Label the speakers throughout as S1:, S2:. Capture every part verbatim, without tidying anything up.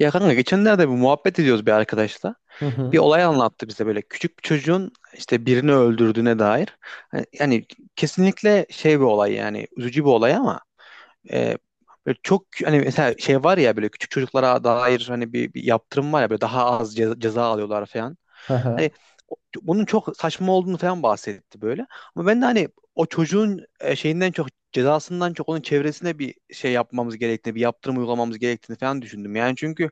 S1: Ya kanka geçenlerde bir muhabbet ediyoruz bir arkadaşla.
S2: Hı
S1: Bir
S2: hı.
S1: olay anlattı bize böyle küçük bir çocuğun işte birini öldürdüğüne dair. Hani- Yani kesinlikle şey bir olay yani üzücü bir olay ama e, böyle çok hani mesela şey var ya böyle küçük çocuklara dair hani bir, bir yaptırım var ya böyle daha az ceza, ceza alıyorlar falan.
S2: Hı
S1: Hani
S2: hı.
S1: o- Bunun çok saçma olduğunu falan bahsetti böyle. Ama ben de hani o çocuğun e, şeyinden çok cezasından çok onun çevresine bir şey yapmamız gerektiğini, bir yaptırım uygulamamız gerektiğini falan düşündüm. Yani çünkü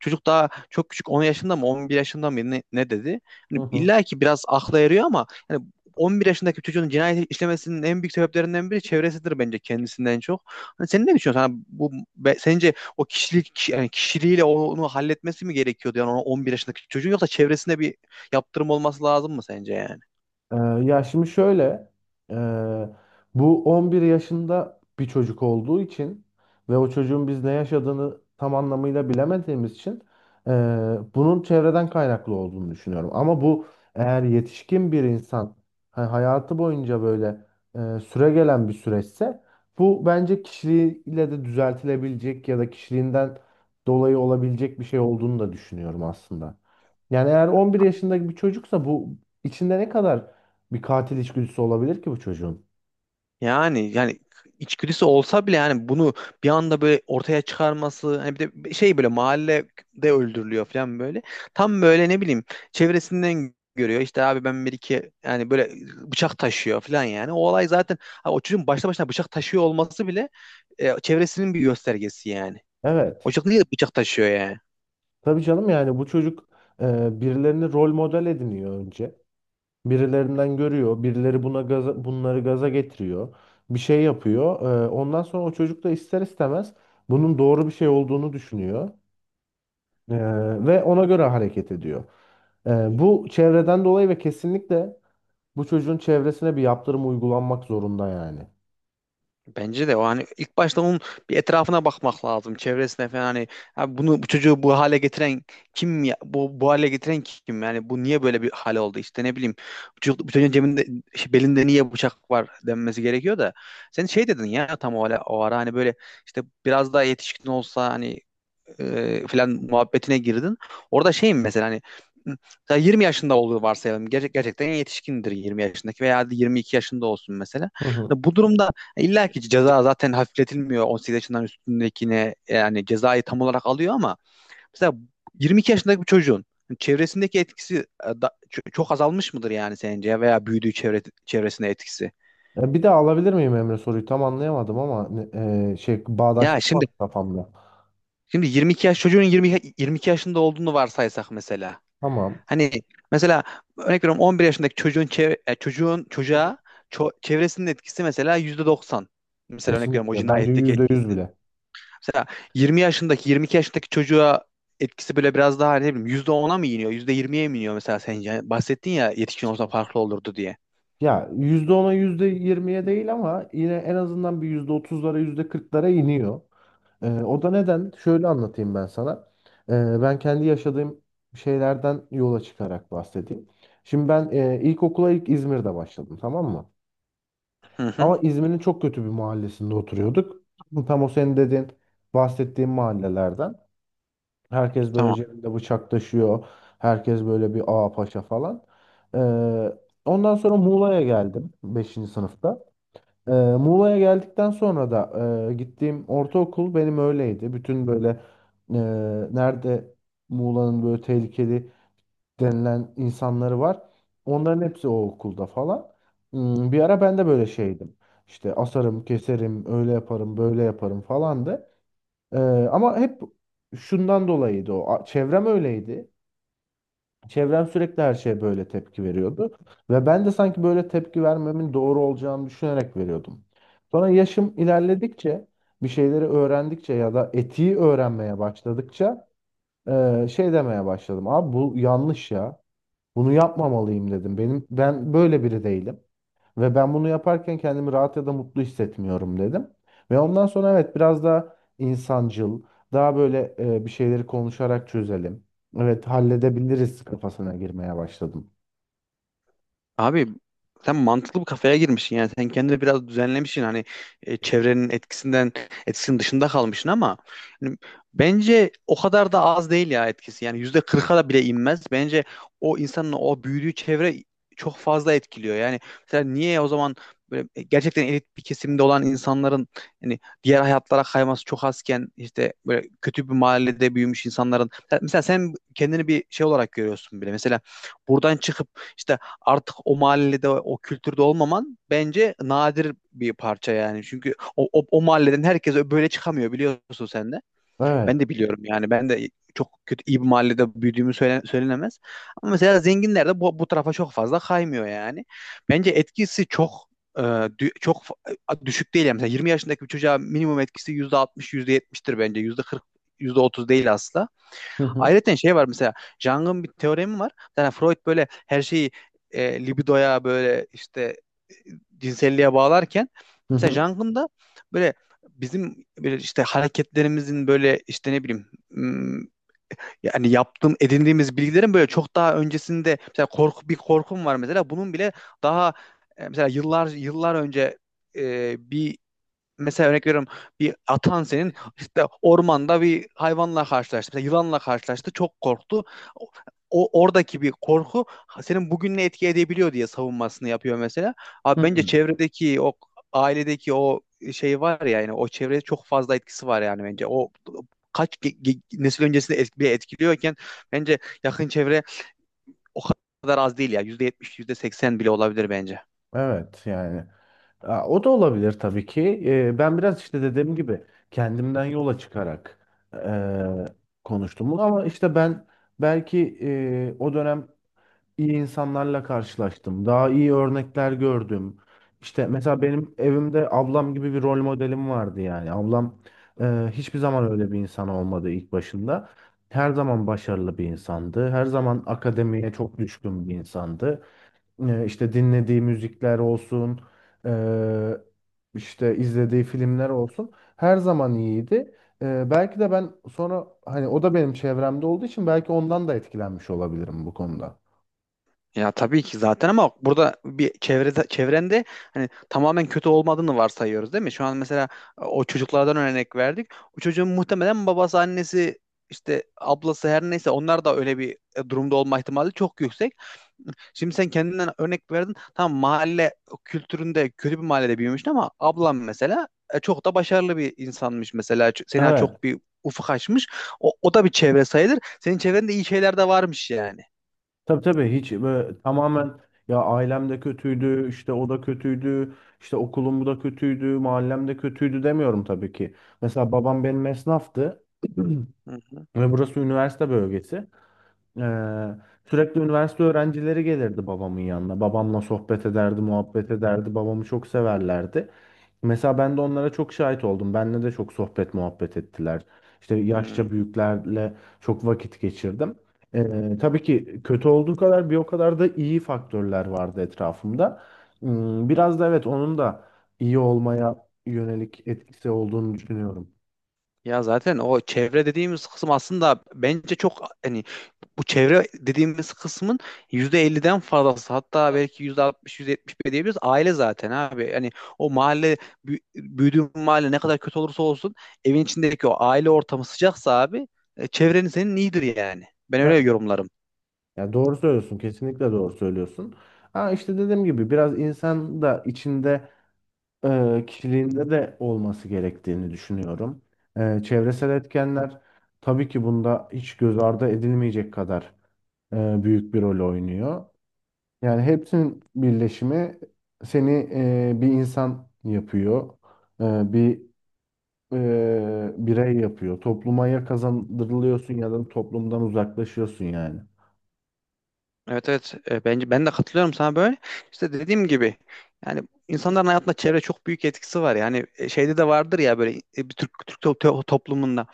S1: çocuk daha çok küçük, on yaşında mı on bir yaşında mı ne, ne dedi?
S2: Hı
S1: Hani
S2: hı.
S1: illa ki biraz akla yarıyor ama yani on bir yaşındaki çocuğun cinayet işlemesinin en büyük sebeplerinden biri çevresidir bence, kendisinden çok. Hani sen ne düşünüyorsun? Hani bu be- sence o kişilik yani kişiliğiyle onu halletmesi mi gerekiyordu yani o on bir yaşındaki çocuğun, yoksa çevresinde bir yaptırım olması lazım mı sence yani?
S2: Ee, Ya şimdi şöyle, e, bu on bir yaşında bir çocuk olduğu için ve o çocuğun biz ne yaşadığını tam anlamıyla bilemediğimiz için, e, bunun çevreden kaynaklı olduğunu düşünüyorum. Ama bu, eğer yetişkin bir insan ha- hayatı boyunca böyle e, süre gelen bir süreçse, bu bence kişiliğiyle de düzeltilebilecek ya da kişiliğinden dolayı olabilecek bir şey olduğunu da düşünüyorum aslında. Yani eğer on bir yaşındaki bir çocuksa bu, içinde ne kadar bir katil içgüdüsü olabilir ki bu çocuğun.
S1: Yani yani içgüdüsü olsa bile yani bunu bir anda böyle ortaya çıkarması, hani bir de şey, böyle mahallede öldürülüyor falan böyle. Tam böyle ne bileyim, çevresinden görüyor. İşte abi ben bir iki yani böyle bıçak taşıyor falan yani. O olay zaten, ha, o çocuğun başta başına bıçak taşıyor olması bile e, çevresinin bir göstergesi yani. O
S2: Evet.
S1: çocuk niye bıçak taşıyor yani?
S2: Tabii canım, yani bu çocuk e, birilerini rol model ediniyor önce. Birilerinden görüyor. Birileri buna gaza, bunları gaza getiriyor. Bir şey yapıyor. E, ondan sonra o çocuk da ister istemez bunun doğru bir şey olduğunu düşünüyor. E, Ve ona göre hareket ediyor. E, Bu çevreden dolayı, ve kesinlikle bu çocuğun çevresine bir yaptırım uygulanmak zorunda yani.
S1: Bence de o hani ilk başta onun bir etrafına bakmak lazım. Çevresine falan, hani, "Abi bunu, bu çocuğu bu hale getiren kim ya? Bu, bu hale getiren kim? Yani bu niye böyle bir hale oldu? İşte ne bileyim. Bu çocuk, bu çocuğun cebinde şey, belinde niye bıçak var" denmesi gerekiyor da. Sen şey dedin ya, tam o, ara- o ara hani böyle, işte biraz daha yetişkin olsa hani e, falan muhabbetine girdin. Orada şeyim mesela, hani mesela yirmi yaşında olduğu varsayalım. Gerçek, gerçekten yetişkindir yirmi yaşındaki, veya yirmi iki yaşında olsun mesela.
S2: Hı hı.
S1: Hani bu durumda e, illa ki ceza zaten hafifletilmiyor on sekiz yaşından üstündekine, yani cezayı tam olarak alıyor, ama mesela yirmi iki yaşındaki bir çocuğun çevresindeki etkisi e, da- ço- çok azalmış mıdır yani sence, veya büyüdüğü çevre, çevresine etkisi?
S2: Ya, bir daha alabilir miyim Emre soruyu? Tam anlayamadım ama ne- e, şey,
S1: Ya şimdi
S2: bağdaştırmadım kafamda.
S1: şimdi yirmi iki yaş çocuğun, yirmi yirmi iki yaşında olduğunu varsaysak mesela.
S2: Tamam.
S1: Hani mesela örnek veriyorum, on bir yaşındaki çocuğun çev- e, çocuğun
S2: Hocam.
S1: çocuğa ço- çevresinin etkisi mesela yüzde doksan. Mesela örnek veriyorum, o
S2: Kesinlikle. Bence
S1: cinayetteki
S2: yüzde yüz
S1: etkisi.
S2: bile.
S1: Mesela yirmi yaşındaki yirmi iki yaşındaki çocuğa etkisi böyle biraz daha, hani ne bileyim, yüzde ona mı iniyor, yüzde yirmiye mi iniyor mesela sence? Hani bahsettin ya, yetişkin
S2: Hiç
S1: olsa
S2: olmaz.
S1: farklı olurdu diye.
S2: Ya yüzde ona yüzde yirmiye değil, ama yine en azından bir yüzde otuzlara yüzde kırklara iniyor. Ee, o da neden? Şöyle anlatayım ben sana. Ee, ben kendi yaşadığım şeylerden yola çıkarak bahsedeyim. Şimdi ben, e, ilkokula ilk İzmir'de başladım, tamam mı?
S1: Hı hı.
S2: Ama İzmir'in çok kötü bir mahallesinde oturuyorduk. Tam o senin dediğin, bahsettiğin mahallelerden. Herkes böyle
S1: Tamam.
S2: cebinde bıçak taşıyor. Herkes böyle bir ağa paşa falan. Ee, Ondan sonra Muğla'ya geldim beşinci sınıfta. Ee, Muğla'ya geldikten sonra da e, gittiğim ortaokul benim öyleydi. Bütün böyle e, nerede Muğla'nın böyle tehlikeli denilen insanları var. Onların hepsi o okulda falan. Hmm, bir ara ben de böyle şeydim. İşte asarım, keserim, öyle yaparım, böyle yaparım falandı. Ee, Ama hep şundan dolayıydı o. A- Çevrem öyleydi. Çevrem sürekli her şeye böyle tepki veriyordu. Ve ben de sanki böyle tepki vermemin doğru olacağını düşünerek veriyordum. Sonra yaşım ilerledikçe, bir şeyleri öğrendikçe ya da etiği öğrenmeye başladıkça ee, şey demeye başladım. Abi bu yanlış ya. Bunu yapmamalıyım dedim. Benim ben böyle biri değilim ve ben bunu yaparken kendimi rahat ya da mutlu hissetmiyorum dedim. Ve ondan sonra evet, biraz daha insancıl, daha böyle e, bir şeyleri konuşarak çözelim. Evet, halledebiliriz kafasına girmeye başladım.
S1: Abi sen mantıklı bir kafaya girmişsin yani, sen kendini biraz düzenlemişsin, hani e, çevrenin etkisinden etkisinin dışında kalmışsın, ama hani bence o kadar da az değil ya etkisi, yani yüzde kırka da bile inmez bence. O insanın o büyüdüğü çevre çok fazla etkiliyor yani. Mesela niye o zaman böyle e, gerçekten elit bir kesimde olan insanların, hani diğer hayatlara kayması çok azken, işte böyle kötü bir mahallede büyümüş insanların, mesela sen kendini bir şey olarak görüyorsun bile mesela, buradan çıkıp işte artık o mahallede o kültürde olmaman bence nadir bir parça yani. Çünkü o, o, o mahalleden herkes böyle çıkamıyor, biliyorsun sen de. Ben
S2: Evet.
S1: de biliyorum yani. Ben de çok kötü iyi bir mahallede büyüdüğümü söyle- söylenemez. Ama mesela zenginler de bu, bu tarafa çok fazla kaymıyor yani. Bence etkisi çok e, dü- çok fa- düşük değil yani. Mesela yirmi yaşındaki bir çocuğa minimum etkisi yüzde altmış, yüzde %70'tir bence. Yüzde kırk, yüzde otuz değil asla.
S2: Hı hı.
S1: Ayrıca şey var mesela, Jung'un bir teoremi var. Yani Freud böyle her şeyi e, libidoya, böyle işte e, cinselliğe bağlarken,
S2: Hı
S1: mesela
S2: hı.
S1: Jung'un da böyle, bizim böyle işte hareketlerimizin böyle işte ne bileyim, hmm, yani yaptığım, edindiğimiz bilgilerin böyle çok daha öncesinde, mesela korku, bir korkum var mesela, bunun bile daha e, mesela yıllar yıllar önce, e, bir, mesela örnek veriyorum, bir atan senin işte ormanda bir hayvanla karşılaştı. Mesela yılanla karşılaştı. Çok korktu. O, o- Oradaki bir korku senin bugünle etki edebiliyor diye savunmasını yapıyor mesela. Abi bence
S2: Hı.
S1: çevredeki o, ailedeki o şey var ya, yani o çevrede çok fazla etkisi var yani bence. O kaç ge- ge- nesil öncesinde et- bile etkiliyorken, bence yakın çevre o kadar az değil ya. yüzde yetmiş, yüzde seksen bile olabilir bence.
S2: Evet yani. Aa, o da olabilir tabii ki. Ee, ben biraz işte dediğim gibi kendimden yola çıkarak e, konuştum bunu. Ama işte ben belki e, o dönem iyi insanlarla karşılaştım. Daha iyi örnekler gördüm. İşte mesela benim evimde ablam gibi bir rol modelim vardı yani. Ablam e, hiçbir zaman öyle bir insan olmadı ilk başında. Her zaman başarılı bir insandı. Her zaman akademiye çok düşkün bir insandı. E, işte dinlediği müzikler olsun, e, işte izlediği filmler olsun. Her zaman iyiydi. E, belki de ben sonra, hani o da benim çevremde olduğu için belki ondan da etkilenmiş olabilirim bu konuda.
S1: Ya tabii ki zaten, ama burada bir çevrede, çevrende hani tamamen kötü olmadığını varsayıyoruz değil mi? Şu an mesela e, o çocuklardan örnek verdik. O çocuğun muhtemelen babası, annesi, işte ablası her neyse, onlar da öyle bir e, durumda olma ihtimali çok yüksek. Şimdi sen kendinden örnek verdin. Tamam, mahalle kültüründe, kötü bir mahallede büyümüştün, ama ablam mesela e, çok da başarılı bir insanmış mesela. Ç- Sena
S2: Evet.
S1: çok bir ufuk açmış. O, o da bir çevre sayılır. Senin çevrende iyi şeyler de varmış yani.
S2: Tabii tabii, hiç böyle tamamen ya ailem de kötüydü, işte o da kötüydü, işte okulum da kötüydü, mahallem de kötüydü demiyorum tabii ki. Mesela babam benim esnaftı
S1: Hı hı.
S2: ve burası üniversite bölgesi. Ee, Sürekli üniversite öğrencileri gelirdi babamın yanına. Babamla sohbet ederdi, muhabbet ederdi. Babamı çok severlerdi. Mesela ben de onlara çok şahit oldum. Benle de çok sohbet muhabbet ettiler. İşte
S1: Hmm.
S2: yaşça büyüklerle çok vakit geçirdim. Ee, tabii ki kötü olduğu kadar bir o kadar da iyi faktörler vardı etrafımda. Hmm, biraz da evet onun da iyi olmaya yönelik etkisi olduğunu düşünüyorum.
S1: Ya zaten o çevre dediğimiz kısım, aslında bence çok hani, bu çevre dediğimiz kısmın yüzde elliden fazlası, hatta belki yüzde altmış, yüzde yetmiş bile diyebiliriz aile, zaten abi. Hani o mahalle, büyü- büyüdüğün mahalle ne kadar kötü olursa olsun, evin içindeki o aile ortamı sıcaksa abi, e, çevrenin senin iyidir yani. Ben öyle yorumlarım.
S2: Ya doğru söylüyorsun, kesinlikle doğru söylüyorsun. Ha işte dediğim gibi biraz insan da içinde e, kişiliğinde de olması gerektiğini düşünüyorum. E, çevresel etkenler tabii ki bunda hiç göz ardı edilmeyecek kadar e, büyük bir rol oynuyor. Yani hepsinin birleşimi seni e, bir insan yapıyor, e, bir e, birey yapıyor. Toplumaya kazandırılıyorsun ya da toplumdan uzaklaşıyorsun yani.
S1: Evet evet. E, bence ben de katılıyorum sana böyle. İşte dediğim gibi yani, insanların hayatında çevre çok büyük etkisi var. Yani e, şeyde de vardır ya, böyle e, bir Türk Türk to- to- toplumunda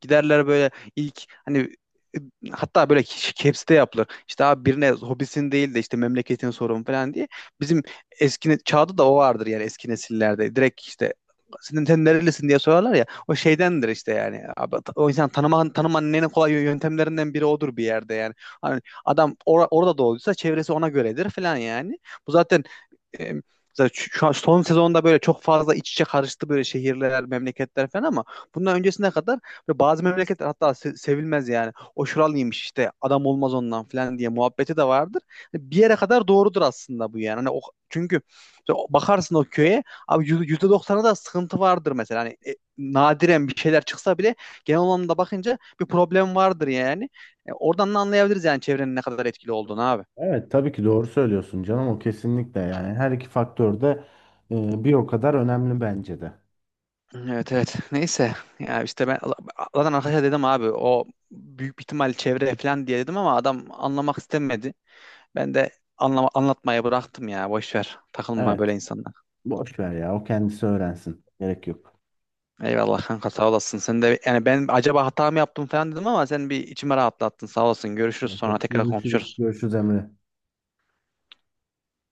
S1: giderler böyle ilk hani, e, hatta böyle hepsi de yapılır. İşte abi, birine hobisin değil de işte memleketin sorun falan diye. Bizim eski ne- çağda da o vardır yani, eski nesillerde. Direkt işte senin sen nerelisin diye sorarlar ya, o şeydendir işte, yani abi, o insan tanıman tanımanın en kolay yöntemlerinden biri odur bir yerde yani. Hani adam or- orada doğduysa çevresi ona göredir falan yani. Bu zaten, e, zaten şu, şu an son sezonda böyle çok fazla iç içe karıştı, böyle şehirler, memleketler falan, ama bundan öncesine kadar böyle bazı memleketler hatta se- sevilmez yani. "O şuralıymış, işte adam olmaz ondan" falan diye muhabbeti de vardır. Hani bir yere kadar doğrudur aslında bu yani. Hani o, çünkü o- bakarsın o köye, abi yüz- yüzde doksana da sıkıntı vardır mesela. Hani e, nadiren bir şeyler çıksa bile, genel anlamda bakınca bir problem vardır yani. E, oradan da anlayabiliriz yani çevrenin ne kadar etkili olduğunu abi.
S2: Evet tabii ki doğru söylüyorsun canım, o kesinlikle yani her iki faktör de e, bir o kadar önemli bence de.
S1: Evet evet. Neyse. Ya işte ben zaten arkadaşa dedim, abi o büyük bir ihtimal çevre falan diye dedim, ama adam anlamak istemedi. Ben de anlama, anlatmaya bıraktım ya. Boş ver. Takılma böyle
S2: Evet.
S1: insanlar.
S2: Boş ver ya. O kendisi öğrensin. Gerek yok.
S1: Eyvallah kanka, sağ olasın. Sen de yani, ben acaba hata mı yaptım falan dedim, ama sen bir içime rahatlattın. Sağ olasın. Görüşürüz, sonra tekrar
S2: Görüşürüz.
S1: konuşuruz.
S2: Görüşürüz Emre.